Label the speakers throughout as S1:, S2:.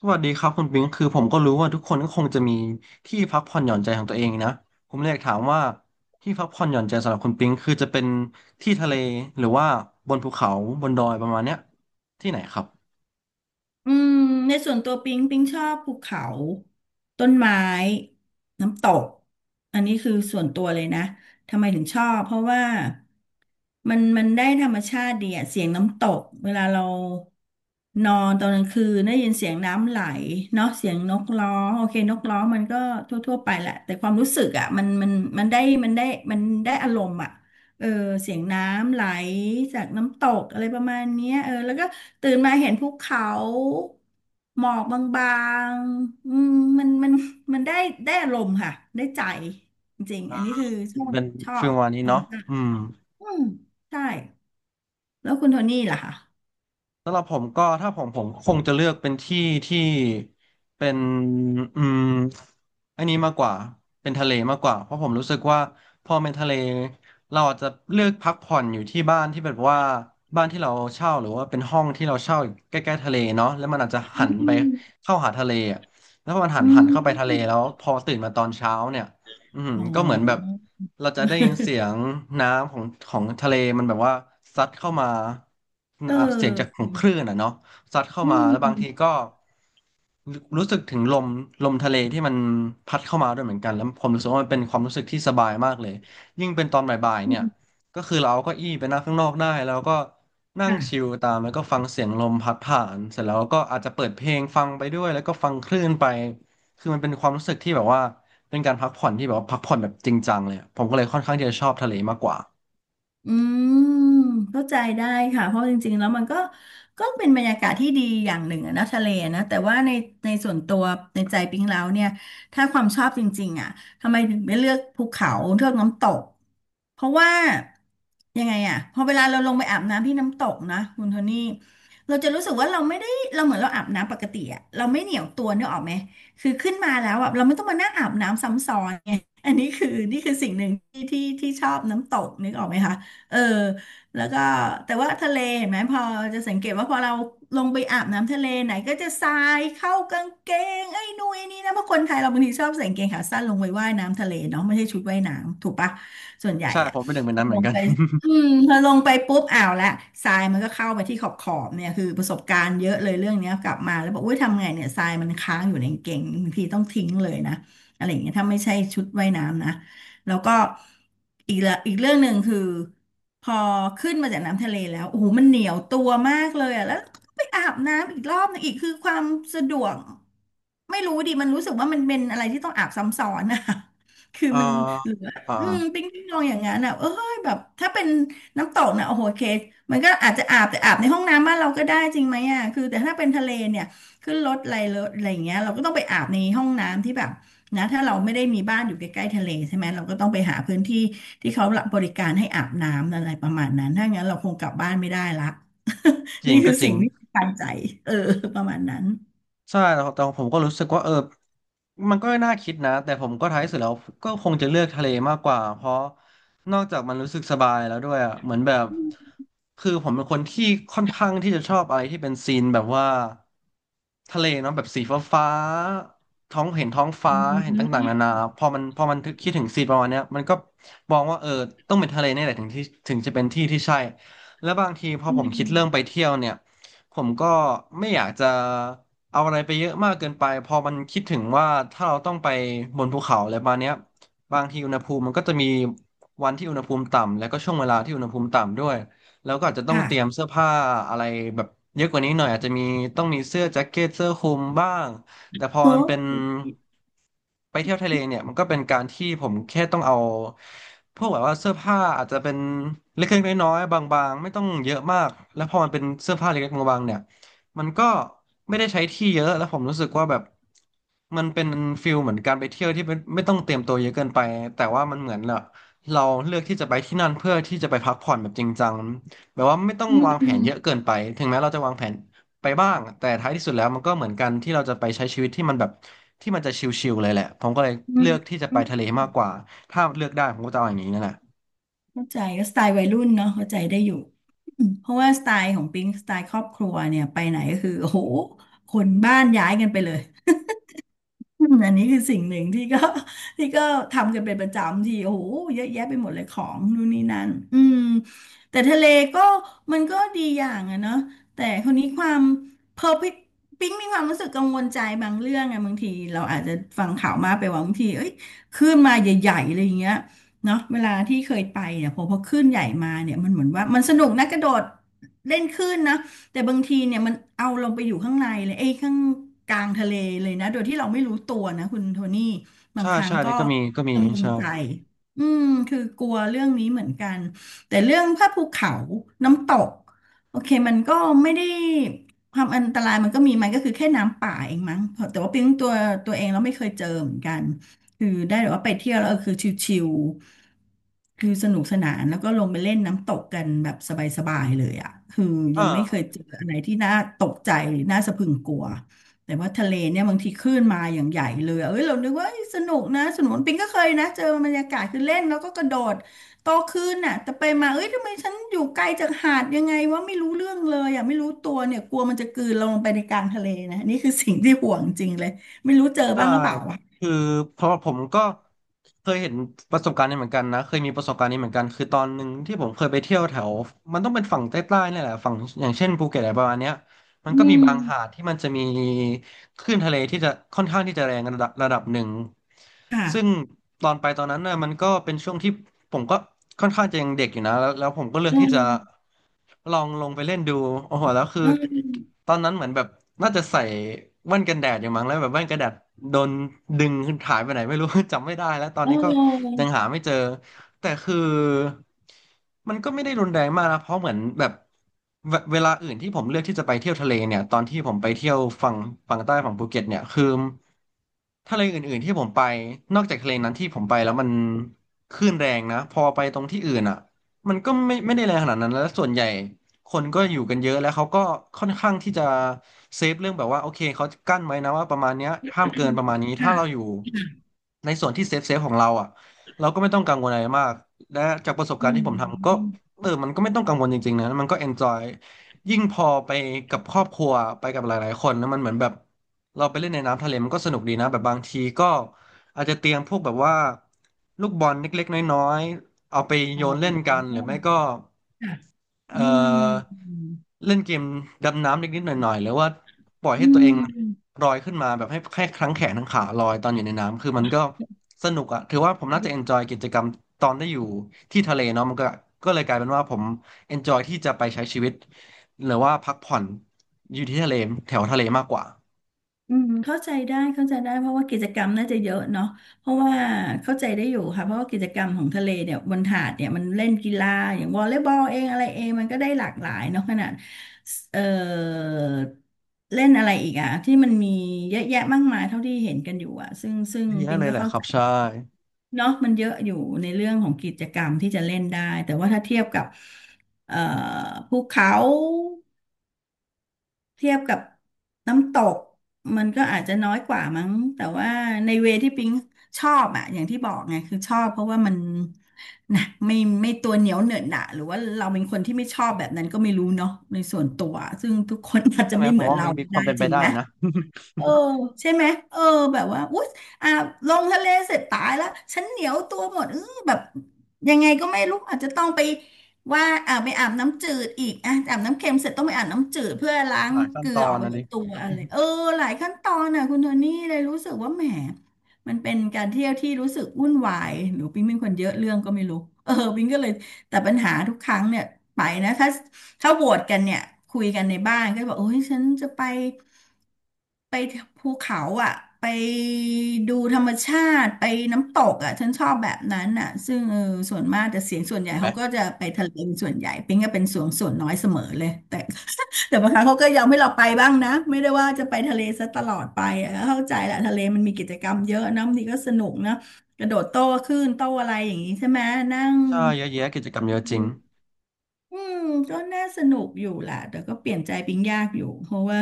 S1: สวัสดีครับคุณปิงคือผมก็รู้ว่าทุกคนก็คงจะมีที่พักผ่อนหย่อนใจของตัวเองนะผมเลยอยากถามว่าที่พักผ่อนหย่อนใจสำหรับคุณปิงคือจะเป็นที่ทะเลหรือว่าบนภูเขาบนดอยประมาณเนี้ยที่ไหนครับ
S2: อืมในส่วนตัวปิงชอบภูเขาต้นไม้น้ำตกอันนี้คือส่วนตัวเลยนะทำไมถึงชอบเพราะว่ามันได้ธรรมชาติดีอะเสียงน้ำตกเวลาเรานอนตอนกลางคืนได้ยินเสียงน้ำไหลเนาะเสียงนกร้องโอเคนกร้องมันก็ทั่วๆไปแหละแต่ความรู้สึกอะมันได้มันได้มันได้อารมณ์อะ เออเสียงน้ำไหลจากน้ำตกอะไรประมาณเนี้ยแล้วก็ตื่นมาเห็นภูเขาหมอกบางๆอืมมันมันมันได้อารมณ์ค่ะได้ใจจริงๆอันนี้คือชอบ
S1: เป็น
S2: ชอ
S1: ฟิล
S2: บ
S1: ประมาณนี้
S2: ธรรม
S1: เนาะ
S2: ชาติ
S1: อืม
S2: อืมใช่แล้วคุณโทนี่ล่ะคะ
S1: สำหรับผมก็ถ้าผมคงจะเลือกเป็นที่ที่เป็นอืม อันนี้มากกว่าเป็นทะเลมากกว่าเพราะผมรู้สึกว่าพอเป็นทะเลเราอาจจะเลือกพักผ่อนอยู่ที่บ้านที่แบบว่าบ้านที่เราเช่าหรือว่าเป็นห้องที่เราเช่าอยู่ใกล้ๆทะเลเนาะแล้วมันอาจจะ
S2: อ
S1: หัน
S2: ื
S1: ไป
S2: ม
S1: เข้าหาทะเลอะแล้วพอมันหั
S2: อื
S1: นหันเข้าไปทะเล
S2: ม
S1: แล้วพอตื่นมาตอนเช้าเนี่ยอืม
S2: โอ้
S1: ก็เหมือนแบบเราจะได้ยินเสียงน้ำของทะเลมันแบบว่าซัดเข้ามา
S2: เอ
S1: อ่ะเสียงจากขอ
S2: อ
S1: งคลื่นอ่ะเนาะ ซัดเข้า
S2: อื
S1: มาแล้วบางที
S2: ม
S1: ก็รู้สึกถึงลมลมทะเลที่มันพัดเข้ามาด้วยเหมือนกันแล้วผมรู้สึกว่ามันเป็นความรู้สึกที่สบายมากเลยยิ่งเป็นตอนบ่ายๆ
S2: อื
S1: เนี่ย
S2: ม
S1: ก็คือเราเอาเก้าอี้ไปนั่งข้างนอกได้แล้วก็นั่งชิล
S2: ค่ะ
S1: ตามแล้วก็ฟังเสียงลมพัดผ่านเสร็จแล้วก็อาจจะเปิดเพลงฟังไปด้วยแล้วก็ฟังคลื่นไปคือมันเป็นความรู้สึกที่แบบว่าเป็นการพักผ่อนที่แบบว่าพักผ่อนแบบจริงจังเลยอะผมก็เลยค่อนข้างที่จะชอบทะเลมากกว่า
S2: อืมเข้าใจได้ค่ะเพราะจริงๆแล้วมันก็ก็เป็นบรรยากาศที่ดีอย่างหนึ่งอะนะทะเลนะแต่ว่าในส่วนตัวในใจปิ๊งแล้วเนี่ยถ้าความชอบจริงๆอ่ะทำไมถึงไม่เลือกภูเขาเลือกน้ำตกเพราะว่ายังไงอ่ะพอเวลาเราลงไปอาบน้ำที่น้ำตกนะคุณโทนี่เราจะรู้สึกว่าเราไม่ได้เราเหมือนเราอาบน้ำปกติอ่ะเราไม่เหนียวตัวนึกออกไหมคือขึ้นมาแล้วอ่ะเราไม่ต้องมานั่งอาบน้ำซ้ำซ้อนไงอันนี้คือนี่คือสิ่งหนึ่งที่ชอบน้ำตกนึกออกไหมคะ เออแล้วก็แต่ว่าทะเลเห็นไหมพอจะสังเกตว่าพอเราลงไปอาบน้ำทะเลไหนก็จะทรายเข้ากางเกงไอ้นู่นไอ้นี่นะเพราะคนไทยเราบางทีชอบใส่กางเกงขาสั้นลงไปว่ายน้ำทะเลเนาะไม่ใช่ชุดว่ายน้ำถูกปะส่วนใหญ่
S1: ใช่
S2: อะ
S1: ผมเป็นหนึ่งใน
S2: พอ
S1: นั้นเห
S2: ล
S1: มือน
S2: ง
S1: กัน
S2: ไปอืมพอลงไปปุ๊บอ้าวละทรายมันก็เข้าไปที่ขอบเนี่ยคือประสบการณ์เยอะเลยเรื่องเนี้ยกลับมาแล้วบอกอุ้ยทำไงเนี่ยทรายมันค้างอยู่ในกางเกงบางทีต้องทิ้งเลยนะอะไรอย่างเงี้ยถ้าไม่ใช่ชุดว่ายน้ำนะแล้วก็อีกเรื่องหนึ่งคือ พอขึ้นมาจากน้ำทะเลแล้วโอ้โหมันเหนียวตัวมากเลยอะแล้วก็ไปอาบน้ำอีกรอบหนึงอีกคือความสะดวกไม่รู้ดิมันรู้สึกว่ามันเป็นอะไรที่ต้องอาบซ้ำซ้อนอ่ะ คื อ
S1: เอ่อ
S2: มันเหลือ
S1: อ่า
S2: อืมปิ้งลองอย่างนั้นอ่ะเอ้ยแบบถ้าเป็นน้ำตกนะโอ้โหโอเคมันก็อาจจะอาบแต่อาบในห้องน้ำบ้านเราก็ได้จริงไหมอ่ะคือแต่ถ้าเป็นทะเลเนี่ยขึ้นรถอะไรอย่างเงี้ยเราก็ต้องไปอาบในห้องน้ำที่แบบ นะถ้าเราไม่ได้มีบ้านอยู่ใกล้ๆทะเลใช่ไหมเราก็ต้องไปหาพื้นที่ที่เขารับบริการให้อาบน้ำอะไรประมาณนั้นถ้างั้นเราคงกลับบ้านไม่ได้ละ
S1: จ ริ
S2: นี่
S1: ง
S2: คื
S1: ก็
S2: อ
S1: จริ
S2: สิ่
S1: ง
S2: งที่ปันใจเออประมาณนั้น
S1: ใช่แต่แต่ผมก็รู้สึกว่าเออ มันก็น่าคิดนะแต่ผมก็ท้ายสุดแล้วก็คงจะเลือกทะเลมากกว่า เพราะนอกจากมันรู้สึกสบายแล้วด้วยอ่ะเหมือนแบบคือผมเป็นคนที่ค่อนข้างที่จะชอบอะไรที่เป็นซีนแบบว่าทะเลเนาะแบบสีฟ้าฟ้าท้องเห็นท้องฟ้า เห็นต่างๆนานาพอมันถึงคิดถึงซีนประมาณเนี้ยมันก็มองว่าเออต้องเป็นทะเลนี่แหละถึงจะเป็นที่ที่ใช่แล้วบางทีพอผมคิดเรื่องไปเที่ยวเนี่ยผมก็ไม่อยากจะ เอาอะไรไปเยอะมากเกินไปพอมันคิดถึงว่าถ้าเราต้องไปบนภูเขาอะไรประมาณเนี้ยบางทีอุณหภูมิมันก็จะมีวันที่อุณหภูมิต่ำแล้วก็ช่วงเวลาที่อุณหภูมิต่ำด้วยแล้วก็อาจจะต้องเตรียม
S2: ค่ะ
S1: เสื้อผ้าอะไรแบบเยอะกว่านี้หน่อยอาจจะมีต้องมีเสื้อแจ็คเก็ตเสื้อคลุมบ้างแต่พอ
S2: โอ้
S1: มันเป็นไปเที่ยวทะเลเนี่ยมันก็เป็นการที่ผมแค่ต้องเอาพวกแบบว่าเสื้อผ้าอาจจะเป็นเล็กๆน้อยๆบางๆไม่ต้องเยอะมากแล้วพอมันเป็นเสื้อผ้าเล็กๆบางๆเนี่ย มันก็ไม่ได้ใช้ที่เยอะแล้วผมรู้สึกว่าแบบมันเป็นฟิลเหมือนการไปเที่ยวที่ไม่ต้องเตรียมตัวเยอะเกินไปแต่ว่ามันเหมือนเราเลือกที่จะไปที่นั่นเพื่อที่จะไปพักผ่อนแบบจริงจังแบบว่าไม่ต้องวางแผนเยอะเกินไปถึงแม้เราจะวางแผนไปบ้างแต่ท้ายที่สุดแล้วมันก็เหมือนกันที่เราจะไปใช้ชีวิตที่มันแบบที่มันจะชิลๆเลยแหละผมก็เลยเลือกที่จะไปทะเลมากกว่าถ้าเลือกได้ผมก็จะเอาอย่างนี้นั่นแหละ
S2: เข้าใจก็สไตล์วัยรุ่นเนาะเข้าใจได้อยู่อืมเพราะว่าสไตล์ของปิงสไตล์ครอบครัวเนี่ยไปไหนก็คือโอ้โหคนบ้านย้ายกันไปเลย อืมอันนี้คือสิ่งหนึ่งที่ก็ ที่ก็ทำกันเป็นประจำที่โอ้โหเยอะแยะไปหมดเลยของนู่นนี่นั่นอืมแต่ทะเลก็มันก็ดีอย่างอะเนาะแต่คนนี้ความเพอปิ๊งมีความรู้สึกกังวลใจบางเรื่องอะบางทีเราอาจจะฟังข่าวมากไปว่าบางทีเอ้ยคลื่นมาใหญ่ๆอะไรอย่างเงี้ยเนาะเวลาที่เคยไปเนี่ยพอคลื่นใหญ่มาเนี่ยมันเหมือนว่ามันสนุกนะกระโดดเล่นคลื่นนะ แต่บางทีเนี่ยมันเอาลงไปอยู่ข้างในเลยเอ้ยข้างกลางทะเลเลยนะโดยที่เราไม่รู้ตัวนะคุณโทนี่บาง
S1: ใช่
S2: ครั้ง
S1: ใช่
S2: ก็
S1: นี่ก็มี
S2: กังวล
S1: ใช่
S2: ใจอืมคือกลัวเรื่องนี้เหมือนกันแต่เรื่องภาพภูเขาน้ำตกโอเคมันก็ไม่ได้ความอันตรายมันก็มีมันก็คือแค่น้ำป่าเองมั้งแต่ว่าเพียงตัวเองเราไม่เคยเจอเหมือนกัน คือได้แบบว่าไปเที่ยวแล้วเออคือชิลๆคือสนุกสนานแล้วก็ลงไปเล่นน้ำตกกันแบบสบายๆเลยอ่ะคือ
S1: อ
S2: ยังไม่เคย
S1: ่า
S2: เจออะไรที่น่าตกใจหรือน่าสะพรึงกลัวแต่ว่าทะเลเนี่ยบางทีคลื่นมาอย่างใหญ่เลยอะเอ้ยเรานึกว่าเอ้ยสนุกนะสนุกปิงก็เคยนะเจอบรรยากาศคือเล่นแล้วก็กระโดดโตขึ้นน่ะแต่ไปมาเอ้ยทำไมฉันอยู่ไกลจากหาดยังไงว่าไม่รู้เรื่องเลยอ่ะไม่รู้ตัวเนี่ยกลัวมันจะกลืนเราลงไปในกลางทะเลนะนี่คือสิ่งที่ห่วงจริงเลยไม่รู้เจอ
S1: ใช่
S2: บ้างหรือเปล่าอะ
S1: คือเพราะผมก็เคยเห็นประสบการณ์นี้เหมือนกันนะ เคยมีประสบการณ์นี้เหมือนกัน คือตอนหนึ่งที่ผมเคยไปเที่ยวแถว มันต้องเป็นฝั่งใต้ๆเนี่ยแหละ ฝั่งอย่างเช่นภูเก็ตอะไรประมาณเนี้ย มัน
S2: อื
S1: ก็มี
S2: ม
S1: บางหาดที่มันจะมีคลื่นทะเลที่จะค่อนข้างที่จะแรงระดับหนึ่ง
S2: ค่ะ
S1: ซึ่งตอนไปตอนนั้นน่ะมันก็เป็นช่วงที่ผมก็ค่อนข้างจะยังเด็กอยู่นะแล้วผมก็เลือก
S2: เอ
S1: ที่จะ
S2: อ
S1: ลองลงไปเล่นดูโอ้โหแล้วคือ
S2: เออ
S1: ตอนนั้นเหมือนแบบน่าจะใส่แว่นกันแดดอยู่มั้งแล้วแบบแว่นกันแดดโดนดึงหายไปไหนไม่รู้ จำไม่ได้แล้วตอ
S2: เ
S1: นนี้ก็
S2: ออ
S1: ยังหาไม่เจอแต่คือ มันก็ไม่ได้รุนแรงมากนะเพราะเหมือนแบบเวลาอื่นที่ผมเลือกที่จะไปเที่ยวทะเลเนี่ยตอนที่ผมไปเที่ยวฝั่งใต้ฝั่งภูเก็ตเนี่ยคือทะเลอื่นๆที่ผมไปนอกจากทะเลนั้นที่ผมไปแล้วมันคลื่นแรงนะพอไปตรงที่อื่นอ่ะมันก็ไม่ได้แรงขนาดนั้นแล้วส่วนใหญ่คนก็อยู่กันเยอะแล้วเขาก็ค่อนข้างที่จะเซฟเรื่องแบบว่าโอเคเขากั้นไว้นะว่าประมาณเนี้ยห้ามเกินประมาณนี้ถ้าเราอ
S2: ค่ะ
S1: ยู่ในส่วนที่เซฟของเราอ่ะเราก็ไม่ต้องกังวลอะไรมาก และจากประสบ
S2: อื
S1: การณ์ที่
S2: ม
S1: ผมทำก็
S2: อม
S1: เออมันก็ไม่ต้องกังวลจริงๆนะมันก็เอนจอยยิ่งพอไปกับครอบครัวไปกับหลายๆคนนะมันเหมือนแบบเราไปเล่นในน้ำทะเลมันก็สนุกดีนะแบบบางทีก็อาจจะเตรียมพวกแบบว่าลูกบอลเล็กๆน้อยๆเอาไป
S2: อ๋
S1: โย
S2: อ
S1: นเล่นกันหรือไม่ก็
S2: ค่ะอื
S1: เอ่
S2: ม
S1: อ
S2: อืม
S1: เล่นเกมดำน้ำนิดๆหน่อยๆหรือว่าปล่อยให้ตัวเอง
S2: อ
S1: ลอยขึ้นมาแบบให้แค่ทั้งแขนทั้งขาลอยตอนอยู่ในน้ำคือมันก็สนุกอะถือว่าผมน่าจะเอนจอยกิจกรรมตอนได้อยู่ที่ทะเลเนาะมันก็ก็เลยกลายเป็นว่าผมเอนจอยที่จะไปใช้ชีวิตหรือว่าพักผ่อนอยู่ที่ทะเลแถวทะเลมากกว่า
S2: ืมเข้าใจได้เข้าใจได้ เพราะว่ากิจกรรมน่าจะเยอะเนาะเพราะว่าเข้าใจได้อยู่ค่ะ เพราะว่ากิจกรรมของทะเลเนี่ยบนหาดเนี่ยมันเล่นกีฬาอย่างวอลเลย์บอลเองอะไรเองมันก็ได้หลากหลายเนาะขนาดเออเล่นอะไรอีกอะที่มันมีเยอะแยะมากมายเท่าที่เห็นกันอยู่อะซึ่ง
S1: เยอะ
S2: ปิง
S1: เลย
S2: ก็
S1: แหละ
S2: เข้า
S1: ครั
S2: ใจ
S1: บใช่
S2: เนาะมันเยอะอยู่ในเรื่องของกิจกรรมที่จะเล่นได้แต่ว่าถ้าเทียบกับเอ่อภูเขาเทียบกับน้ำตกมันก็อาจจะน้อยกว่ามั้งแต่ว่าในเวที่ปิงชอบอะอย่างที่บอกไงคือชอบเพราะว่ามันนะไม่ตัวเหนียวเหนอะหนะหรือว่าเราเป็นคนที่ไม่ชอบแบบนั้นก็ไม่รู้เนาะในส่วนตัวซึ่งทุกคนอาจจะ
S1: ใช่ไหม
S2: ไม่
S1: ผ
S2: เหมื
S1: ม
S2: อน
S1: ว่า
S2: เรา
S1: มัน
S2: ก็
S1: มีค
S2: ได้
S1: วามเป็น
S2: จ
S1: ไป
S2: ริง
S1: ได้
S2: ไหม
S1: นะ
S2: เออใช่ไหมเออแบบว่าอุ๊ยอ่ะลงทะเลเสร็จตายแล้วฉันเหนียวตัวหมดเออแบบยังไงก็ไม่รู้อาจจะต้องไปว่าอ่าไปอาบน้ำจืดอีกอ่ะอาบน้ำเค็มเสร็จต้องไปอาบน้ำจืดเพื่อล้า
S1: ห
S2: ง
S1: ลายขั้
S2: เก
S1: น
S2: ลื
S1: ต
S2: อ
S1: อ
S2: ออ
S1: น
S2: กไป
S1: นะ
S2: จา
S1: ดิ
S2: กตัวอะไรเออหลายขั้นตอนน่ะคุณโทนี่เลยรู้สึกว่าแหมมันเป็นการเที่ยวที่รู้สึกวุ่นวายหรือปิ๊งเป็นคนเยอะเรื่องก็ไม่รู้ เออปิ๊งก็เลยแต่ปัญหาทุกครั้งเนี่ยไปนะถ้าโหวตกันเนี่ยคุยกันในบ้านก็บอกโอ้ยฉันจะไป ไปภูเขาอ่ะไปดูธรรมชาติไปน้ำตกอ่ะฉันชอบแบบนั้นอ่ะซึ่งเออส่วนมากแต่เสียงส่วนให
S1: เห็
S2: ญ่
S1: นไหม
S2: เขาก็จะไปทะเลเป็นส่วนใหญ่ปิงก็เป็นส่วนน้อยเสมอเลยแต่บางครั้งเขาก็ยอมให้เราไปบ้างนะไม่ได้ว่าจะไปทะเลซะตลอดไปอะเข้าใจแหละทะเลมันมีกิจกรรมเยอะนะบางทีก็สนุกนะกระโดดโต้คลื่นโต้อะไรอย่างนี้ใช่ไหมนั่ง
S1: ใช่เยอะแยะกิจกรรมเยอะจริง
S2: อืมก็น่าสนุกอยู่แหละแต่ก็เปลี่ยนใจปิงยากอยู่เพราะว่า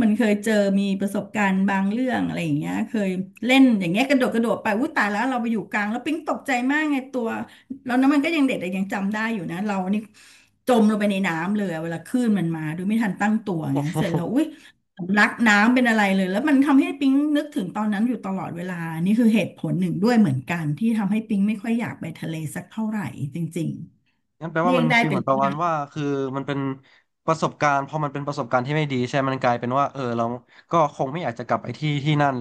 S2: มันเคยเจอมีประสบการณ์บางเรื่องอะไรอย่างเงี้ยเคยเล่นอย่างเงี้ยกระโดดไปอุ้ยตายแล้วเราไปอยู่กลางแล้วปิ๊งตกใจมากไงตัวแล้วน้ำมันก็ยังเด็กแต่ยังจำได้อยู่นะเรานี่จมลงไปในน้ำเลยอะเวลาคลื่นมันมาโดยไม่ทันตั้งตัวไงเสร็จแล้วอุ้ยสำลักน้ำเป็นอะไรเลยแล้วมันทำให้ปิ๊งนึกถึงตอนนั้นอยู่ตลอดเวลานี่คือเหตุผลหนึ่งด้วยเหมือนกันที่ทำให้ปิ๊งไม่ค่อยอยากไปทะเลสักเท่าไหร่จริง
S1: งั้นแปล
S2: ๆ
S1: ว่า
S2: เลี่ย
S1: มั
S2: ง
S1: น
S2: ได้
S1: ฟีล
S2: เป็
S1: เห
S2: น
S1: มือนประ
S2: เลี่
S1: มา
S2: ย
S1: ณ
S2: ง
S1: ว่าคือมันเป็นประสบการณ์พอมันเป็นประสบการณ์ที่ไม่ดีใช่ไหมมันกลายเป็นว่าเออเราก็คงไม่อยากจะกลับไปที่ที่นั่น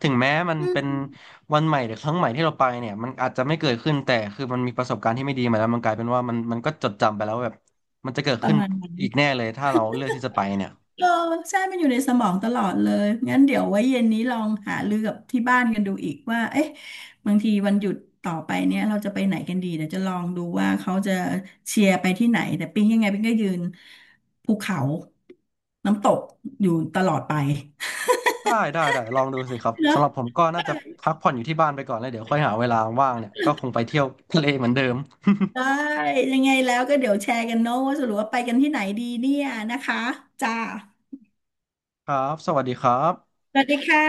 S1: ถึงแม้มัน
S2: อื
S1: เป็น
S2: ม
S1: วันใหม่หรือครั้งใหม่ที่เราไปเนี่ยมันอาจจะไม่เกิดขึ้นแต่คือมันมีประสบการณ์ที่ไม่ดีมาแล้วมันกลายเป็นว่ามันก็จดจำไปแล้วแบบมันจะเกิด
S2: ประ
S1: ขึ้น
S2: มาณนั้น
S1: อีกแน่เลยถ้าเราเลือกที่จะไปเนี่ย
S2: เออใช่มันอยู่ในสมองตลอดเลยงั้นเดี๋ยวไว้เย็นนี้ลองหารือกับที่บ้านกันดูอีกว่าเอ๊ะบางทีวันหยุดต่อไปเนี่ยเราจะไปไหนกันดีเดี๋ยวจะลองดูว่าเขาจะเชียร์ไปที่ไหนแต่ปิ๊งยังไงปิ๊งก็ยืนภูเขาน้ำตกอยู่ตลอดไป
S1: ได้ได้ได้ลองดูสิครับ
S2: เน
S1: สำ
S2: อะ
S1: หรับผมก็น่าจะพักผ่อนอยู่ที่บ้านไปก่อนแล้วเดี๋ยวค่อยหาเวลาว่างเนี่ยก็คงไปเที่ยวทะเลเหมือนเดิม
S2: ได้ยังไงแล้วก็เดี๋ยวแชร์กันเนอะว่าสรุปว่าไปกันที่ไหนดีเนี่ยนะคะจ้า
S1: ครับสวัสดีครับ
S2: สวัสดีค่ะ